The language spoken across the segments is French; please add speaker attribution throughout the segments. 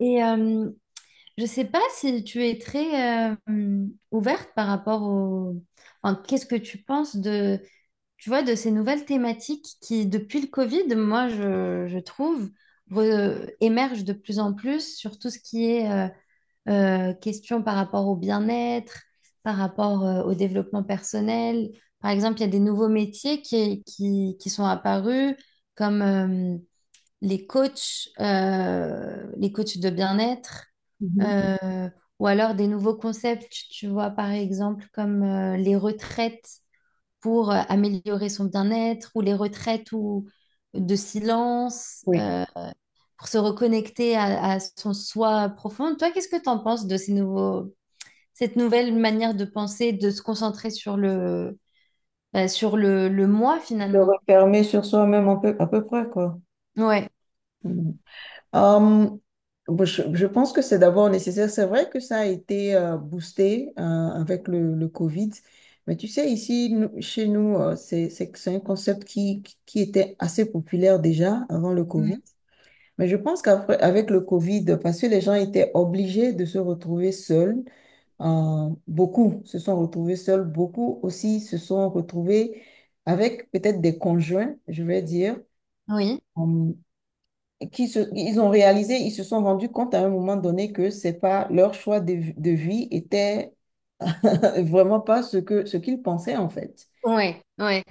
Speaker 1: Et euh, je ne sais pas si tu es très ouverte par rapport au... qu'est-ce que tu penses de, tu vois, de ces nouvelles thématiques qui, depuis le Covid, moi, je trouve, émergent de plus en plus sur tout ce qui est question par rapport au bien-être, par rapport au développement personnel. Par exemple, il y a des nouveaux métiers qui sont apparus, comme les coachs de bien-être
Speaker 2: Mhm.
Speaker 1: euh, ou alors des nouveaux concepts, tu vois, par exemple, comme les retraites pour améliorer son bien-être, ou les retraites ou de silence,
Speaker 2: Oui.
Speaker 1: pour se reconnecter à son soi profond. Toi, qu'est-ce que tu en penses de ces nouveaux, cette nouvelle manière de penser, de se concentrer sur sur le moi
Speaker 2: De
Speaker 1: finalement?
Speaker 2: refermer sur soi-même un peu, à peu près, quoi.
Speaker 1: Ouais.
Speaker 2: Mhm. Hum, bon, je pense que c'est d'abord nécessaire. C'est vrai que ça a été boosté avec le Covid, mais tu sais, ici, chez nous, c'est un concept qui était assez populaire déjà avant le Covid.
Speaker 1: Mhm.
Speaker 2: Mais je pense qu'avec le Covid, parce que les gens étaient obligés de se retrouver seuls. Beaucoup se sont retrouvés seuls, beaucoup aussi se sont retrouvés avec peut-être des conjoints, je vais dire,
Speaker 1: Oui.
Speaker 2: euh, ils ont réalisé, ils se sont rendus compte à un moment donné que c'est pas leur choix de vie était vraiment pas ce qu'ils pensaient en fait.
Speaker 1: Ouais, ouais.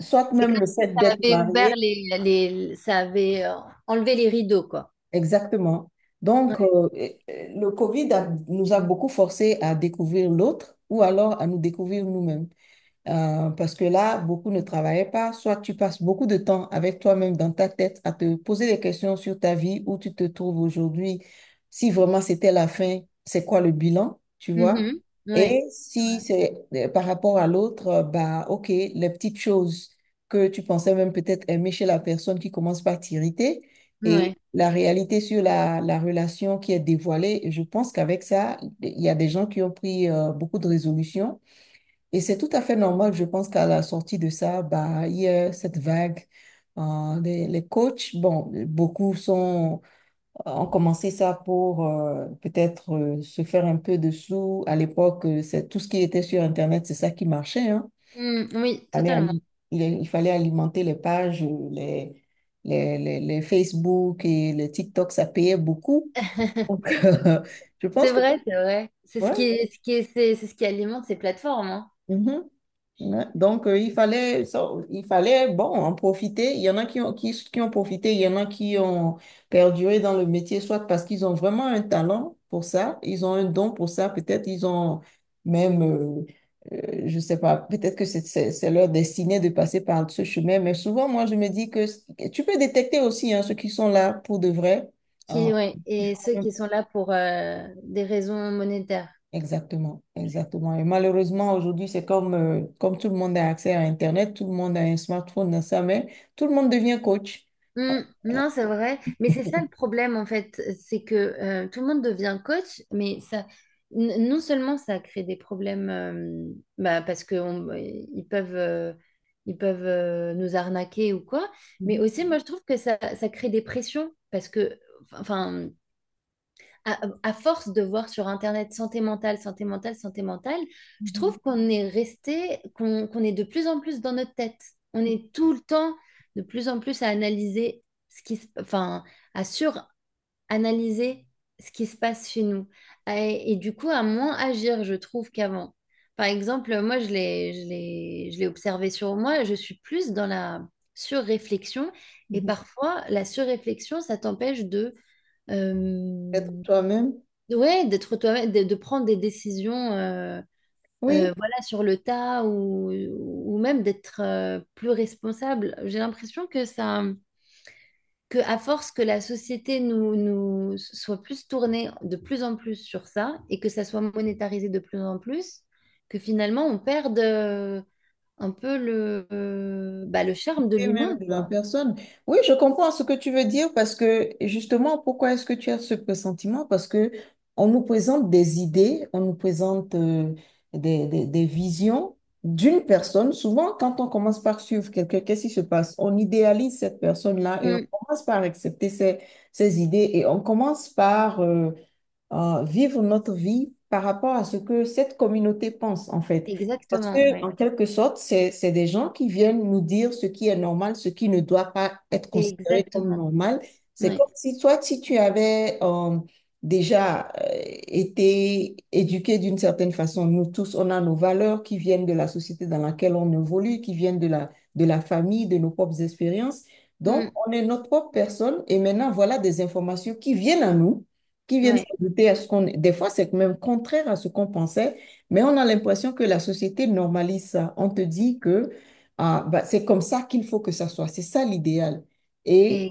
Speaker 2: Soit
Speaker 1: C'est
Speaker 2: même
Speaker 1: comme
Speaker 2: le
Speaker 1: si
Speaker 2: fait
Speaker 1: ça
Speaker 2: d'être
Speaker 1: avait ouvert
Speaker 2: marié,
Speaker 1: ça avait enlevé les rideaux, quoi.
Speaker 2: exactement. Donc, et le Covid nous a beaucoup forcés à découvrir l'autre ou alors à nous découvrir nous-mêmes. Parce que là, beaucoup ne travaillaient pas. Soit tu passes beaucoup de temps avec toi-même dans ta tête à te poser des questions sur ta vie, où tu te trouves aujourd'hui, si vraiment c'était la fin, c'est quoi le bilan, tu vois?
Speaker 1: Mhm. Ouais,
Speaker 2: Et si c'est par rapport à l'autre, bah ok, les petites choses que tu pensais même peut-être aimer chez la personne qui commence par t'irriter
Speaker 1: ouais.
Speaker 2: et la réalité sur la relation qui est dévoilée, je pense qu'avec ça, il y a des gens qui ont pris beaucoup de résolutions et c'est tout à fait normal, je pense qu'à la sortie de ça, bah, il y a cette vague. Les coachs, bon, beaucoup sont, ont commencé ça pour peut-être se faire un peu de sous. À l'époque, c'est tout ce qui était sur Internet, c'est ça qui marchait, hein.
Speaker 1: Mm, oui,
Speaker 2: Il fallait,
Speaker 1: totalement.
Speaker 2: ali- il fallait alimenter les pages, les Facebook et les TikTok, ça payait beaucoup. Donc, je
Speaker 1: C'est
Speaker 2: pense que
Speaker 1: vrai, c'est vrai. C'est
Speaker 2: ouais.
Speaker 1: c'est ce qui alimente ces plateformes, hein.
Speaker 2: Mhm. Ouais. Donc, il fallait, bon, en profiter. Il y en a qui ont, qui ont profité, il y en a qui ont perduré dans le métier, soit parce qu'ils ont vraiment un talent pour ça, ils ont un don pour ça, peut-être ils ont même, je sais pas, peut-être que c'est leur destinée de passer par ce chemin. Mais souvent, moi, je me dis que tu peux détecter aussi hein, ceux qui sont là pour de vrai. Hein,
Speaker 1: Qui, ouais,
Speaker 2: qui
Speaker 1: et ceux
Speaker 2: font
Speaker 1: qui sont là pour des raisons monétaires.
Speaker 2: exactement, exactement. Et malheureusement, aujourd'hui, c'est comme, comme tout le monde a accès à Internet, tout le monde a un smartphone dans sa main, tout le monde devient coach.
Speaker 1: Hmm, non, c'est vrai, mais c'est ça le problème en fait, c'est que tout le monde devient coach, mais ça, non seulement ça crée des problèmes, bah, parce que ils peuvent, nous arnaquer ou quoi, mais
Speaker 2: Mhm,
Speaker 1: aussi moi je trouve que ça crée des pressions parce que, enfin, à force de voir sur Internet santé mentale, santé mentale, santé mentale, je
Speaker 2: mhm,
Speaker 1: trouve qu'on est resté, qu'on est de plus en plus dans notre tête. On est tout le temps de plus en plus à analyser ce qui se, enfin, à suranalyser ce qui se passe chez nous. Et du coup, à moins agir, je trouve, qu'avant. Par exemple, moi, je l'ai observé sur moi, je suis plus dans la surréflexion. Et
Speaker 2: mhm.
Speaker 1: parfois, la surréflexion, ça t'empêche de,
Speaker 2: Peut-être
Speaker 1: euh,
Speaker 2: toi-même.
Speaker 1: Ouais, d'être toi-même, de prendre des décisions
Speaker 2: Oui.
Speaker 1: voilà, sur le tas ou même d'être plus responsable. J'ai l'impression que ça, que à force que la société nous soit plus tournée de plus en plus sur ça et que ça soit monétarisé de plus en plus, que finalement on perde un peu bah, le charme de
Speaker 2: Et même
Speaker 1: l'humain,
Speaker 2: de la
Speaker 1: quoi.
Speaker 2: personne. Oui, je comprends ce que tu veux dire parce que justement, pourquoi est-ce que tu as ce pressentiment? Parce que on nous présente des idées, on nous présente des visions d'une personne. Souvent, quand on commence par suivre quelqu'un, qu'est-ce qui se passe? On idéalise cette personne-là et on
Speaker 1: Mm.
Speaker 2: commence par accepter ses, ses idées et on commence par vivre notre vie par rapport à ce que cette communauté pense, en fait. Parce
Speaker 1: Exactement,
Speaker 2: que,
Speaker 1: ouais.
Speaker 2: en quelque sorte, c'est des gens qui viennent nous dire ce qui est normal, ce qui ne doit pas être considéré comme
Speaker 1: Exactement,
Speaker 2: normal. C'est
Speaker 1: ouais.
Speaker 2: comme si toi, si tu avais déjà été éduqué d'une certaine façon, nous tous, on a nos valeurs qui viennent de la société dans laquelle on évolue, qui viennent de de la famille, de nos propres expériences. Donc,
Speaker 1: Mm.
Speaker 2: on est notre propre personne et maintenant, voilà des informations qui viennent à nous qui viennent
Speaker 1: Ouais.
Speaker 2: s'ajouter à ce qu'on... Des fois, c'est même contraire à ce qu'on pensait, mais on a l'impression que la société normalise ça. On te dit que ah, bah, c'est comme ça qu'il faut que ça soit, c'est ça l'idéal. Et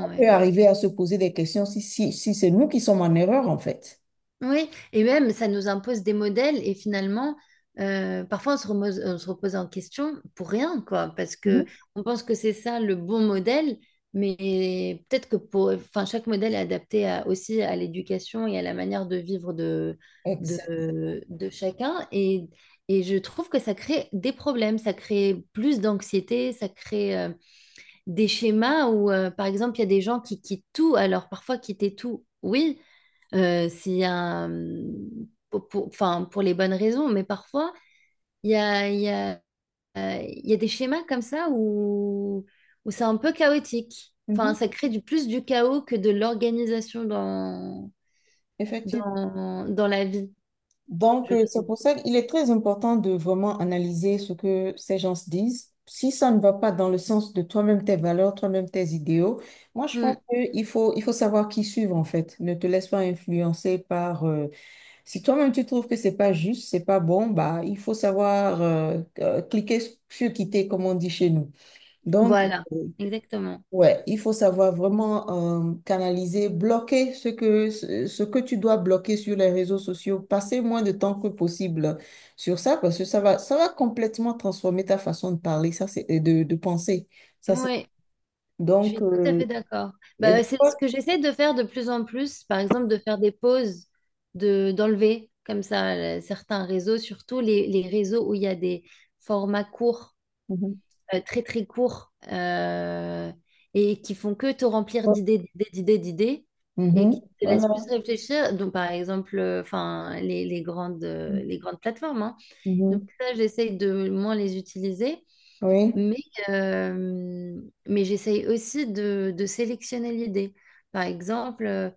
Speaker 2: on
Speaker 1: ouais.
Speaker 2: peut arriver à se poser des questions si c'est nous qui sommes en erreur, en fait.
Speaker 1: Oui, et même ça nous impose des modèles et finalement, parfois on on se repose, en question pour rien, quoi, parce que
Speaker 2: Mhm.
Speaker 1: on pense que c'est ça le bon modèle, mais peut-être que pour, enfin, chaque modèle est adapté aussi à l'éducation et à la manière de vivre de,
Speaker 2: Exact.
Speaker 1: de chacun. Et je trouve que ça crée des problèmes, ça crée plus d'anxiété, ça crée des schémas où, par exemple, il y a des gens qui quittent tout. Alors, parfois, quitter tout, oui, c'est un... pour, enfin, pour les bonnes raisons, mais parfois, il y a, il y a, il y a des schémas comme ça où, où c'est un peu chaotique. Enfin,
Speaker 2: Mhm.
Speaker 1: ça crée du plus du chaos que de l'organisation
Speaker 2: Effectivement.
Speaker 1: dans la vie,
Speaker 2: Donc,
Speaker 1: je
Speaker 2: c'est
Speaker 1: trouve.
Speaker 2: pour ça qu'il est très important de vraiment analyser ce que ces gens se disent. Si ça ne va pas dans le sens de toi-même, tes valeurs, toi-même, tes idéaux, moi, je
Speaker 1: Hmm,
Speaker 2: pense qu'il faut, il faut savoir qui suivre, en fait. Ne te laisse pas influencer par... si toi-même, tu trouves que c'est pas juste, c'est pas bon, bah, il faut savoir cliquer sur quitter, comme on dit chez nous. Donc,
Speaker 1: voilà, exactement.
Speaker 2: ouais, il faut savoir vraiment canaliser, bloquer ce que, ce que tu dois bloquer sur les réseaux sociaux. Passer moins de temps que possible sur ça parce que ça va complètement transformer ta façon de parler, ça c'est, et de penser. Ça c'est,
Speaker 1: Oui, je
Speaker 2: donc,
Speaker 1: suis tout à fait d'accord.
Speaker 2: et
Speaker 1: Bah,
Speaker 2: des
Speaker 1: c'est ce
Speaker 2: fois-
Speaker 1: que j'essaie de faire de plus en plus, par exemple de faire des pauses, d'enlever comme ça certains réseaux, surtout les réseaux où il y a des formats courts,
Speaker 2: Mhm.
Speaker 1: très très courts, et qui font que te remplir
Speaker 2: Oh,
Speaker 1: d'idées, d'idées, d'idées, d'idées, et qui
Speaker 2: mhm,
Speaker 1: te laissent plus
Speaker 2: voilà,
Speaker 1: réfléchir. Donc par exemple, enfin les grandes plateformes, hein. Donc
Speaker 2: mhm,
Speaker 1: ça, j'essaie de moins les utiliser.
Speaker 2: oui,
Speaker 1: Mais, euh, mais j'essaye aussi de sélectionner l'idée. Par exemple,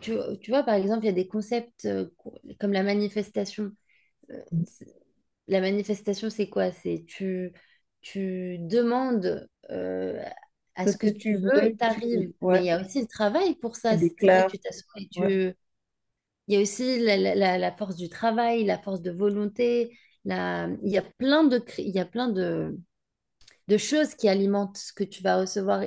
Speaker 1: tu, tu vois, par exemple, il y a des concepts comme la manifestation. Euh, c'est- La manifestation, c'est quoi? Tu demandes à
Speaker 2: ce
Speaker 1: ce que
Speaker 2: que tu
Speaker 1: tu veux,
Speaker 2: veux, tu,
Speaker 1: t'arrives. Mais
Speaker 2: ouais,
Speaker 1: il y a aussi le travail pour
Speaker 2: tu
Speaker 1: ça. C'est pas
Speaker 2: déclares.
Speaker 1: tu t'assois et
Speaker 2: Ouais.
Speaker 1: tu... Il y a aussi la force du travail, la force de volonté. La... Il y a plein il y a plein de choses qui alimentent ce que tu vas recevoir.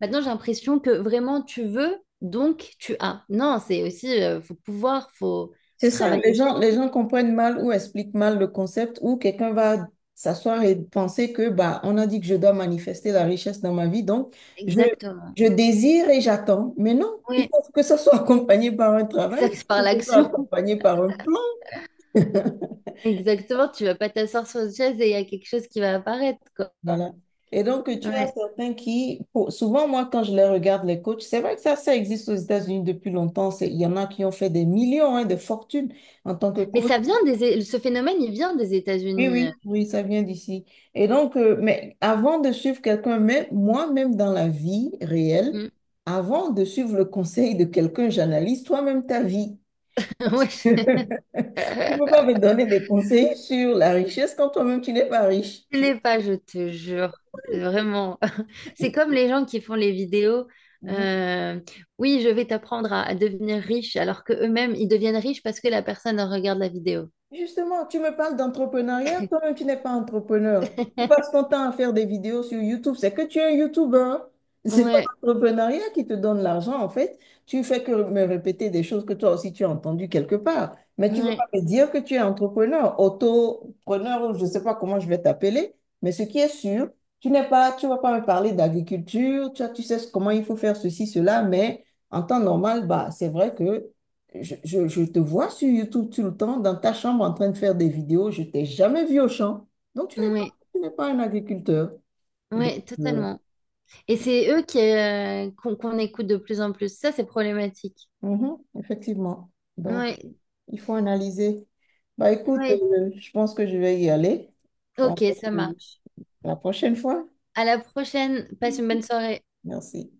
Speaker 1: Maintenant, j'ai l'impression que vraiment tu veux, donc tu as. Non, c'est aussi, il faut pouvoir, il faut, faut
Speaker 2: C'est ça,
Speaker 1: travailler pour.
Speaker 2: les gens comprennent mal ou expliquent mal le concept ou quelqu'un va s'asseoir et penser que bah, on a dit que je dois manifester la richesse dans ma vie, donc je,
Speaker 1: Exactement.
Speaker 2: je désire et j'attends. Mais non, il
Speaker 1: Oui,
Speaker 2: faut que ça soit accompagné par un travail,
Speaker 1: exact,
Speaker 2: que
Speaker 1: par
Speaker 2: ça soit
Speaker 1: l'action.
Speaker 2: accompagné par un plan.
Speaker 1: Exactement, tu vas pas t'asseoir sur une chaise et il y a quelque chose qui va apparaître, quoi.
Speaker 2: Voilà. Et donc, tu as
Speaker 1: Ouais.
Speaker 2: certains qui, pour- souvent, moi, quand je les regarde, les coachs, c'est vrai que ça existe aux États-Unis depuis longtemps. C'est- il y en a qui ont fait des millions, hein, de fortunes en tant que
Speaker 1: Mais
Speaker 2: coach.
Speaker 1: ça vient des, ce phénomène, il vient des
Speaker 2: Oui,
Speaker 1: États-Unis.
Speaker 2: oui, oui, ça vient d'ici. Et donc, mais avant de suivre quelqu'un, même moi-même dans la vie réelle,
Speaker 1: Mm.
Speaker 2: avant de suivre le conseil de quelqu'un, j'analyse toi-même ta vie.
Speaker 1: Ouais.
Speaker 2: Tu ne
Speaker 1: je-
Speaker 2: peux pas me donner des conseils sur la richesse quand toi-même tu n'es pas riche.
Speaker 1: Je l'ai pas, je te jure. Vraiment. C'est comme les gens qui font les vidéos. euh, oui, je vais t'apprendre à devenir riche, alors que eux-mêmes, ils deviennent riches parce que la personne regarde la vidéo.
Speaker 2: Justement, tu me parles d'entrepreneuriat, toi-même tu n'es pas entrepreneur. Tu passes ton temps à faire des vidéos sur YouTube, c'est que tu es un YouTuber. C'est pas
Speaker 1: Ouais,
Speaker 2: l'entrepreneuriat qui te donne l'argent en fait. Tu fais que me répéter des choses que toi aussi tu as entendues quelque part. Mais tu ne vas pas
Speaker 1: ouais,
Speaker 2: me dire que tu es entrepreneur, autopreneur ou je ne sais pas comment je vais t'appeler. Mais ce qui est sûr, tu n'es pas, tu vas pas me parler d'agriculture, tu sais comment il faut faire ceci, cela, mais en temps normal, bah, c'est vrai que je, je te vois sur YouTube tout le temps, dans ta chambre en train de faire des vidéos. Je t'ai jamais vu au champ. Donc,
Speaker 1: ouais,
Speaker 2: tu n'es pas un agriculteur. Donc,
Speaker 1: ouais,
Speaker 2: euh,
Speaker 1: totalement. Et c'est eux qui, qu'on, qu'on écoute de plus en plus. Ça, c'est problématique.
Speaker 2: mhm, effectivement. Donc,
Speaker 1: Ouais,
Speaker 2: il faut analyser. Bah, écoute,
Speaker 1: ouais.
Speaker 2: je pense que je vais y aller. On va
Speaker 1: Ok, ça
Speaker 2: se-
Speaker 1: marche.
Speaker 2: la prochaine fois.
Speaker 1: À la prochaine. Passe une bonne soirée.
Speaker 2: Merci.